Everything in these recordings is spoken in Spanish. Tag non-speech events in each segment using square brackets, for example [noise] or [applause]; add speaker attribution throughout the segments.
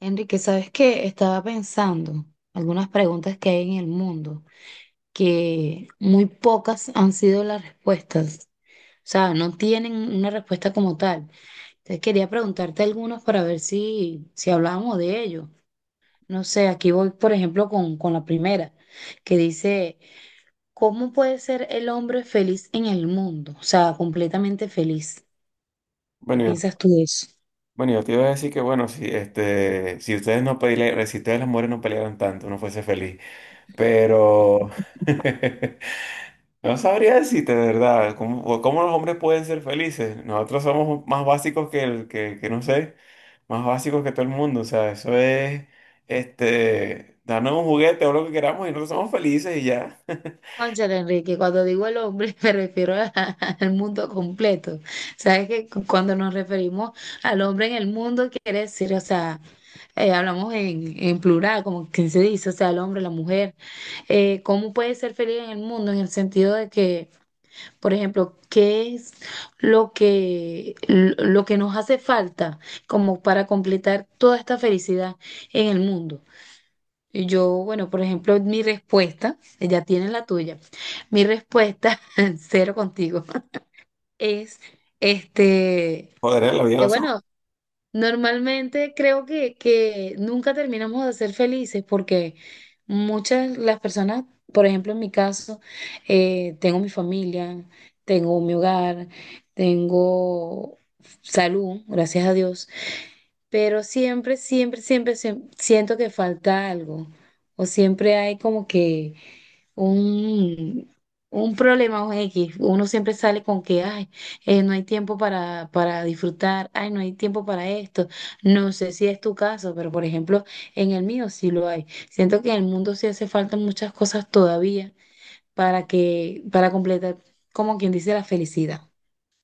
Speaker 1: Enrique, ¿sabes qué? Estaba pensando algunas preguntas que hay en el mundo, que muy pocas han sido las respuestas. O sea, no tienen una respuesta como tal. Entonces quería preguntarte algunos para ver si hablábamos de ello. No sé, aquí voy, por ejemplo, con la primera, que dice, ¿cómo puede ser el hombre feliz en el mundo? O sea, completamente feliz. ¿Qué
Speaker 2: Bueno, yo,
Speaker 1: piensas tú de eso?
Speaker 2: bueno, yo te iba a decir que, bueno, si, si ustedes no pelearan, si ustedes las mujeres no pelearan tanto, uno fuese feliz. Pero [laughs] no sabría decirte, de verdad, ¿cómo, cómo los hombres pueden ser felices? Nosotros somos más básicos que el, que no sé, más básicos que todo el mundo. O sea, eso es, darnos un juguete o lo que queramos y nosotros somos felices y ya. [laughs]
Speaker 1: Cónchale, Enrique, cuando digo el hombre [laughs] me refiero al mundo completo. Sabes que cuando nos referimos al hombre en el mundo quiere decir, o sea, hablamos en plural, como que se dice, o sea, el hombre, la mujer. ¿Cómo puede ser feliz en el mundo? En el sentido de que, por ejemplo, ¿qué es lo que nos hace falta como para completar toda esta felicidad en el mundo? Y yo, bueno, por ejemplo, mi respuesta, ella tiene la tuya. Mi respuesta, [laughs] cero contigo, [laughs] es este,
Speaker 2: Joder, la vida de
Speaker 1: que
Speaker 2: los...
Speaker 1: bueno, normalmente creo que nunca terminamos de ser felices porque muchas las personas, por ejemplo, en mi caso, tengo mi familia, tengo mi hogar, tengo salud, gracias a Dios, pero siempre, siempre, siempre siento que falta algo, o siempre hay como que un, un problema o X. Uno siempre sale con que, ay, no hay tiempo para disfrutar, ay, no hay tiempo para esto, no sé si es tu caso, pero por ejemplo, en el mío sí lo hay, siento que en el mundo sí hace falta muchas cosas todavía para que, para completar, como quien dice, la felicidad.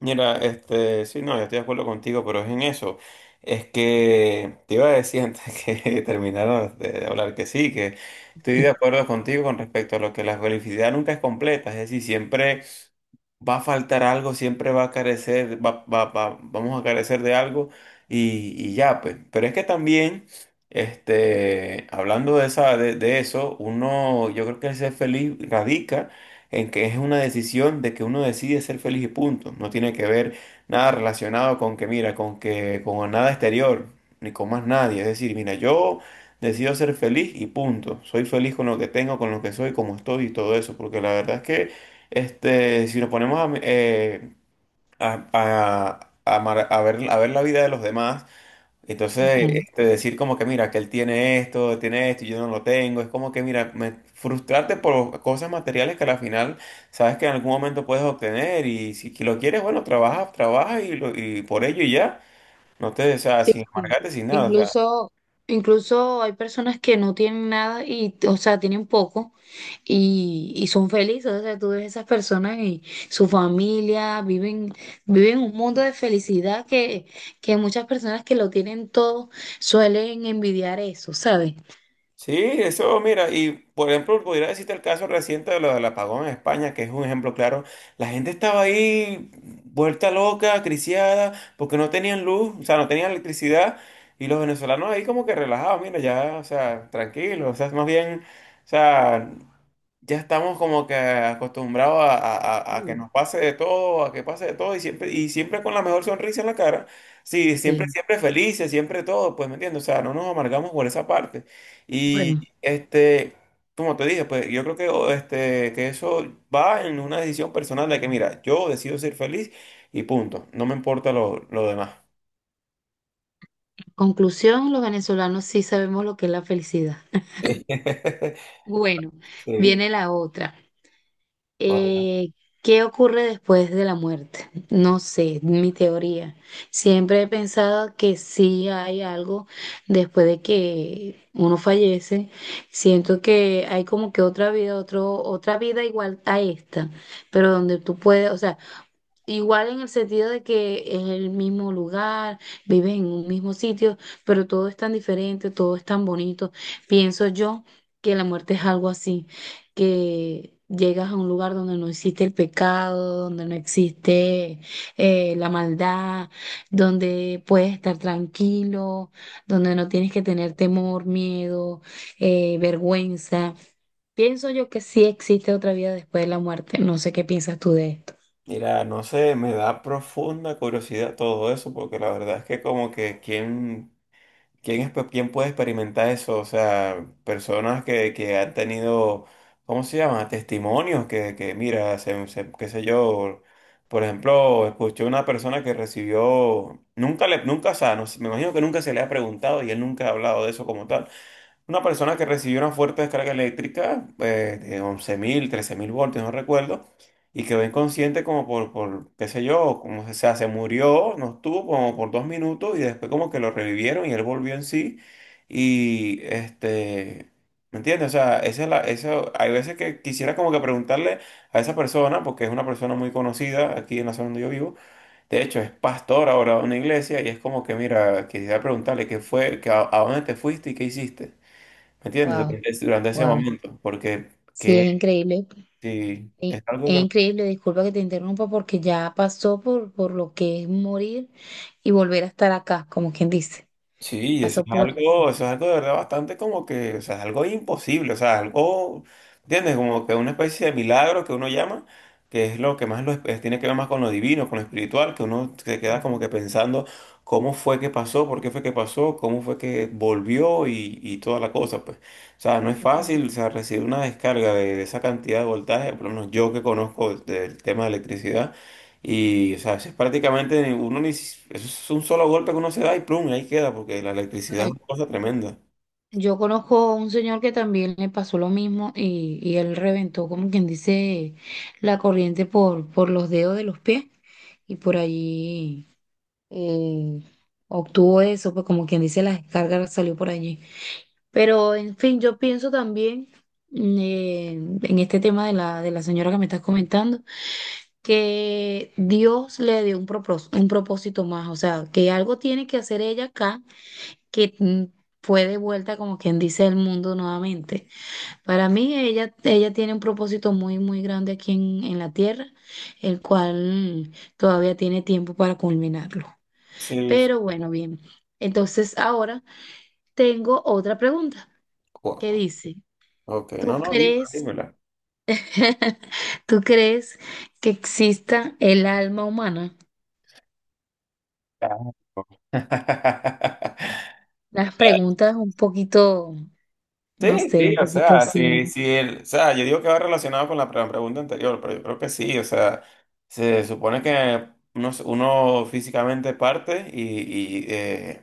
Speaker 2: Mira, sí, no, yo estoy de acuerdo contigo, pero es en eso. Es que te iba a decir antes [laughs] que terminaron de hablar que sí, que estoy de acuerdo contigo con respecto a lo que la felicidad nunca es completa, es decir, siempre va a faltar algo, siempre va a carecer, vamos a carecer de algo y ya, pues. Pero es que también, hablando de esa, de eso, uno, yo creo que el ser feliz radica en que es una decisión de que uno decide ser feliz y punto. No tiene que ver nada relacionado con que, mira, con que, con nada exterior, ni con más nadie. Es decir, mira, yo decido ser feliz y punto. Soy feliz con lo que tengo, con lo que soy, como estoy y todo eso, porque la verdad es que si nos ponemos a, a- a- a ver la vida de los demás, entonces
Speaker 1: [laughs]
Speaker 2: decir como que mira, que él tiene esto y yo no lo tengo, es como que mira, frustrarte por cosas materiales que al final sabes que en algún momento puedes obtener y si que lo quieres, bueno, trabaja, trabaja y, y por ello y ya, no te, o sea,
Speaker 1: Sí,
Speaker 2: sin
Speaker 1: sí.
Speaker 2: amargarte, sin nada, o sea...
Speaker 1: Incluso, incluso hay personas que no tienen nada y, o sea, tienen poco y son felices. O sea, tú ves esas personas y su familia viven, viven un mundo de felicidad que muchas personas que lo tienen todo suelen envidiar eso, ¿sabes?
Speaker 2: Sí, eso, mira, y por ejemplo, pudiera decirte el caso reciente de lo del apagón en España, que es un ejemplo claro. La gente estaba ahí vuelta loca, acriciada, porque no tenían luz, o sea, no tenían electricidad, y los venezolanos ahí como que relajados, mira, ya, o sea, tranquilos, o sea, más bien, o sea, ya estamos como que acostumbrados a, a que
Speaker 1: Sí,
Speaker 2: nos pase de todo, a que pase de todo y siempre con la mejor sonrisa en la cara. Sí, siempre,
Speaker 1: sí.
Speaker 2: siempre felices, siempre todo, pues, ¿me entiendes? O sea, no nos amargamos por esa parte.
Speaker 1: Bueno,
Speaker 2: Y como te dije, pues yo creo que, o, que eso va en una decisión personal de que, mira, yo decido ser feliz y punto. No me importa lo demás.
Speaker 1: conclusión, los venezolanos sí sabemos lo que es la felicidad. [laughs]
Speaker 2: [laughs]
Speaker 1: Bueno,
Speaker 2: Sí,
Speaker 1: viene la otra.
Speaker 2: correcto.
Speaker 1: eh, ¿Qué ocurre después de la muerte? No sé, mi teoría. Siempre he pensado que sí hay algo después de que uno fallece. Siento que hay como que otra vida, otra vida igual a esta, pero donde tú puedes, o sea, igual en el sentido de que es el mismo lugar, viven en un mismo sitio, pero todo es tan diferente, todo es tan bonito. Pienso yo que la muerte es algo así, que llegas a un lugar donde no existe el pecado, donde no existe la maldad, donde puedes estar tranquilo, donde no tienes que tener temor, miedo, vergüenza. Pienso yo que sí existe otra vida después de la muerte. No sé qué piensas tú de esto.
Speaker 2: Mira, no sé, me da profunda curiosidad todo eso, porque la verdad es que como que quién... ¿Quién, quién puede experimentar eso? O sea, personas que han tenido, ¿cómo se llama? Testimonios que mira, se, qué sé yo, por ejemplo, escuché una persona que recibió, nunca le, nunca, o sea, no sé, me imagino que nunca se le ha preguntado y él nunca ha hablado de eso como tal. Una persona que recibió una fuerte descarga eléctrica de 11.000, 13.000 voltios, no recuerdo, y quedó inconsciente como por qué sé yo, como se, se murió, no estuvo como por 2 minutos y después como que lo revivieron y él volvió en sí. Y ¿me entiendes? O sea, esa es la, eso, hay veces que quisiera como que preguntarle a esa persona, porque es una persona muy conocida aquí en la zona donde yo vivo, de hecho es pastor ahora de una iglesia y es como que, mira, quisiera preguntarle qué fue, que a dónde te fuiste y qué hiciste. ¿Me entiendes?
Speaker 1: Wow,
Speaker 2: Durante ese
Speaker 1: wow.
Speaker 2: momento, porque
Speaker 1: Sí,
Speaker 2: que
Speaker 1: es increíble.
Speaker 2: sí,
Speaker 1: e-
Speaker 2: es algo
Speaker 1: Es
Speaker 2: que...
Speaker 1: increíble, disculpa que te interrumpa porque ya pasó por lo que es morir y volver a estar acá, como quien dice.
Speaker 2: Sí,
Speaker 1: Pasó por eso.
Speaker 2: eso es algo de verdad bastante como que, o sea, es algo imposible, o sea, algo, ¿entiendes? Como que una especie de milagro que uno llama, que es lo que más lo, tiene que ver más con lo divino, con lo espiritual, que uno se queda como que pensando cómo fue que pasó, por qué fue que pasó, cómo fue que volvió y toda la cosa, pues. O sea, no es fácil, o sea, recibir una descarga de esa cantidad de voltaje, por lo menos yo que conozco del tema de electricidad. Y, o sea, es prácticamente uno ni, eso es un solo golpe que uno se da y plum, y ahí queda, porque la electricidad es
Speaker 1: Bueno,
Speaker 2: una cosa tremenda.
Speaker 1: yo conozco a un señor que también le pasó lo mismo y él reventó, como quien dice, la corriente por los dedos de los pies y por allí, eh, obtuvo eso, pues, como quien dice, la descarga salió por allí. Pero, en fin, yo pienso también, mm, eh, en este tema de la señora que me estás comentando, que Dios le dio un un propósito más, o sea, que algo tiene que hacer ella acá, que fue de vuelta, como quien dice, al mundo nuevamente. Para mí, ella tiene un propósito muy, muy grande aquí en la tierra, el cual todavía tiene tiempo para culminarlo.
Speaker 2: Sí, sí.
Speaker 1: Pero bueno, bien. Entonces, ahora tengo otra pregunta que
Speaker 2: Wow.
Speaker 1: dice...
Speaker 2: Ok, no,
Speaker 1: ¿Tú
Speaker 2: no, dime,
Speaker 1: crees?
Speaker 2: dímela.
Speaker 1: [laughs] ¿Tú crees que exista el alma humana?
Speaker 2: Ah.
Speaker 1: Las
Speaker 2: [laughs]
Speaker 1: preguntas un poquito, no
Speaker 2: Sí,
Speaker 1: sé,
Speaker 2: sí,
Speaker 1: un
Speaker 2: o
Speaker 1: poquito
Speaker 2: sea,
Speaker 1: así.
Speaker 2: sí, sí, o sea, yo digo que va relacionado con la pregunta anterior, pero yo creo que sí, o sea, se supone que uno físicamente parte y,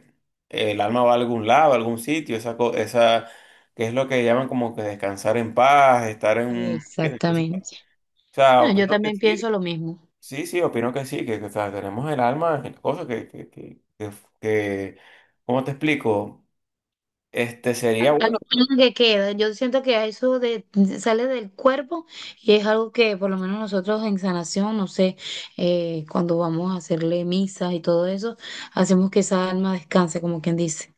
Speaker 2: el alma va a algún lado, a algún sitio, esa, esa, que es lo que llaman como que descansar en paz, estar en...
Speaker 1: Exactamente.
Speaker 2: O sea,
Speaker 1: Bueno, yo
Speaker 2: opino que
Speaker 1: también
Speaker 2: sí,
Speaker 1: pienso lo mismo.
Speaker 2: sí, sí, opino que sí, que, o sea, tenemos el alma, en cosas que, que- ¿cómo te explico? Este sería bueno,
Speaker 1: Algo que queda, yo siento que eso de, sale del cuerpo y es algo que por lo menos nosotros en sanación, no sé, cuando vamos a hacerle misas y todo eso, hacemos que esa alma descanse, como quien dice.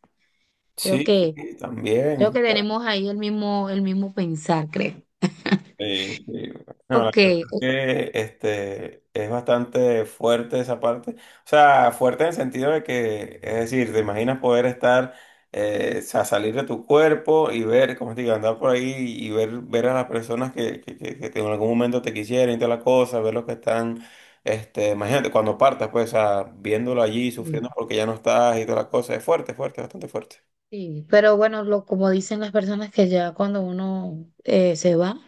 Speaker 1: Creo
Speaker 2: sí,
Speaker 1: que
Speaker 2: sí,
Speaker 1: Creo
Speaker 2: también.
Speaker 1: que tenemos ahí el mismo pensar, creo. [laughs]
Speaker 2: Sí, sí. No, la verdad
Speaker 1: Ok,
Speaker 2: es
Speaker 1: ok,
Speaker 2: que es bastante fuerte esa parte. O sea, fuerte en el sentido de que, es decir, te imaginas poder estar, o sea, salir de tu cuerpo y ver, como te digo, andar por ahí y ver, ver a las personas que, en algún momento te quisieran y toda la cosa, ver los que están, imagínate, cuando partas, pues, o sea, viéndolo allí, sufriendo porque ya no estás y toda la cosa. Es fuerte, fuerte, bastante fuerte.
Speaker 1: sí, pero bueno, lo, como dicen las personas que ya cuando uno se va,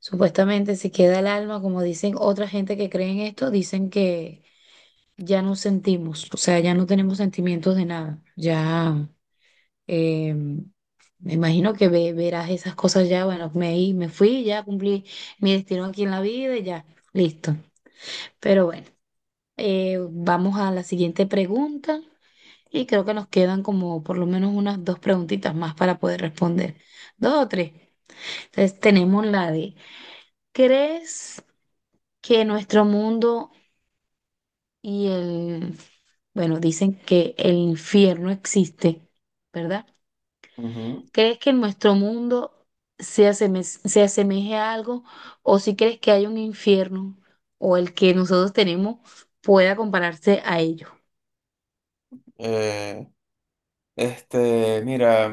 Speaker 1: supuestamente se queda el alma, como dicen otra gente que cree en esto, dicen que ya no sentimos, o sea, ya no tenemos sentimientos de nada, ya, me imagino que verás esas cosas ya, bueno, me fui, ya cumplí mi destino aquí en la vida y ya, listo, pero bueno. Vamos a la siguiente pregunta y creo que nos quedan como por lo menos unas dos preguntitas más para poder responder. Dos o tres. Entonces tenemos la de, ¿crees que nuestro mundo y el, bueno, dicen que el infierno existe, ¿verdad?
Speaker 2: Ujú.
Speaker 1: ¿Crees que nuestro mundo se asemeje a algo o si crees que hay un infierno o el que nosotros tenemos pueda compararse a ello?
Speaker 2: Eh, mira,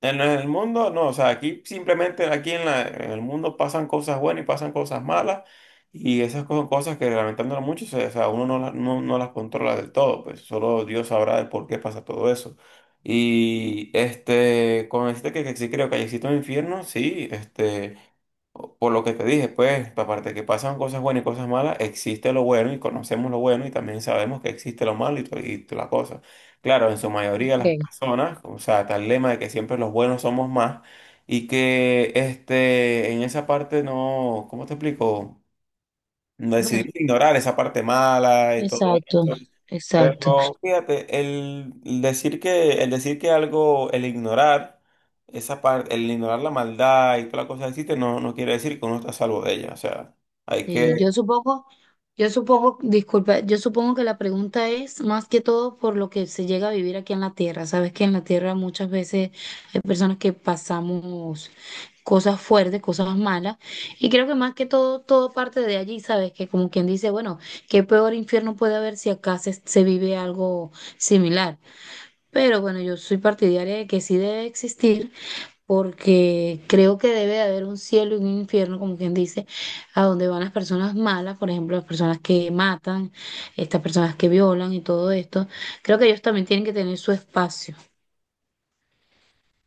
Speaker 2: en el mundo, no, o sea, aquí simplemente, aquí en en el mundo pasan cosas buenas y pasan cosas malas, y esas son cosas que lamentándolo mucho, o sea, uno no, no, no las controla del todo, pues solo Dios sabrá el por qué pasa todo eso. Y con este que sí creo que existe un infierno, sí, este. Por lo que te dije, pues, aparte de que pasan cosas buenas y cosas malas, existe lo bueno y conocemos lo bueno y también sabemos que existe lo malo y, la cosa. Claro, en su mayoría las
Speaker 1: Ok.
Speaker 2: personas, o sea, tal lema de que siempre los buenos somos más y que en esa parte no, ¿cómo te explico? No
Speaker 1: Bueno,
Speaker 2: decidimos ignorar esa parte mala y todo
Speaker 1: exacto,
Speaker 2: eso,
Speaker 1: exacto.
Speaker 2: pero fíjate, el decir que algo, el ignorar esa parte, el ignorar la maldad y toda la cosa que existe, no, no quiere decir que uno está a salvo de ella. O sea, hay
Speaker 1: Sí,
Speaker 2: que,
Speaker 1: yo supongo, disculpa, yo supongo que la pregunta es más que todo por lo que se llega a vivir aquí en la tierra. Sabes que en la tierra muchas veces hay personas que pasamos cosas fuertes, cosas malas, y creo que más que todo, todo parte de allí, sabes que, como quien dice, bueno, qué peor infierno puede haber si acá se, se vive algo similar. Pero bueno, yo soy partidaria de que sí debe existir porque creo que debe de haber un cielo y un infierno, como quien dice, a donde van las personas malas, por ejemplo, las personas que matan, estas personas que violan y todo esto. Creo que ellos también tienen que tener su espacio.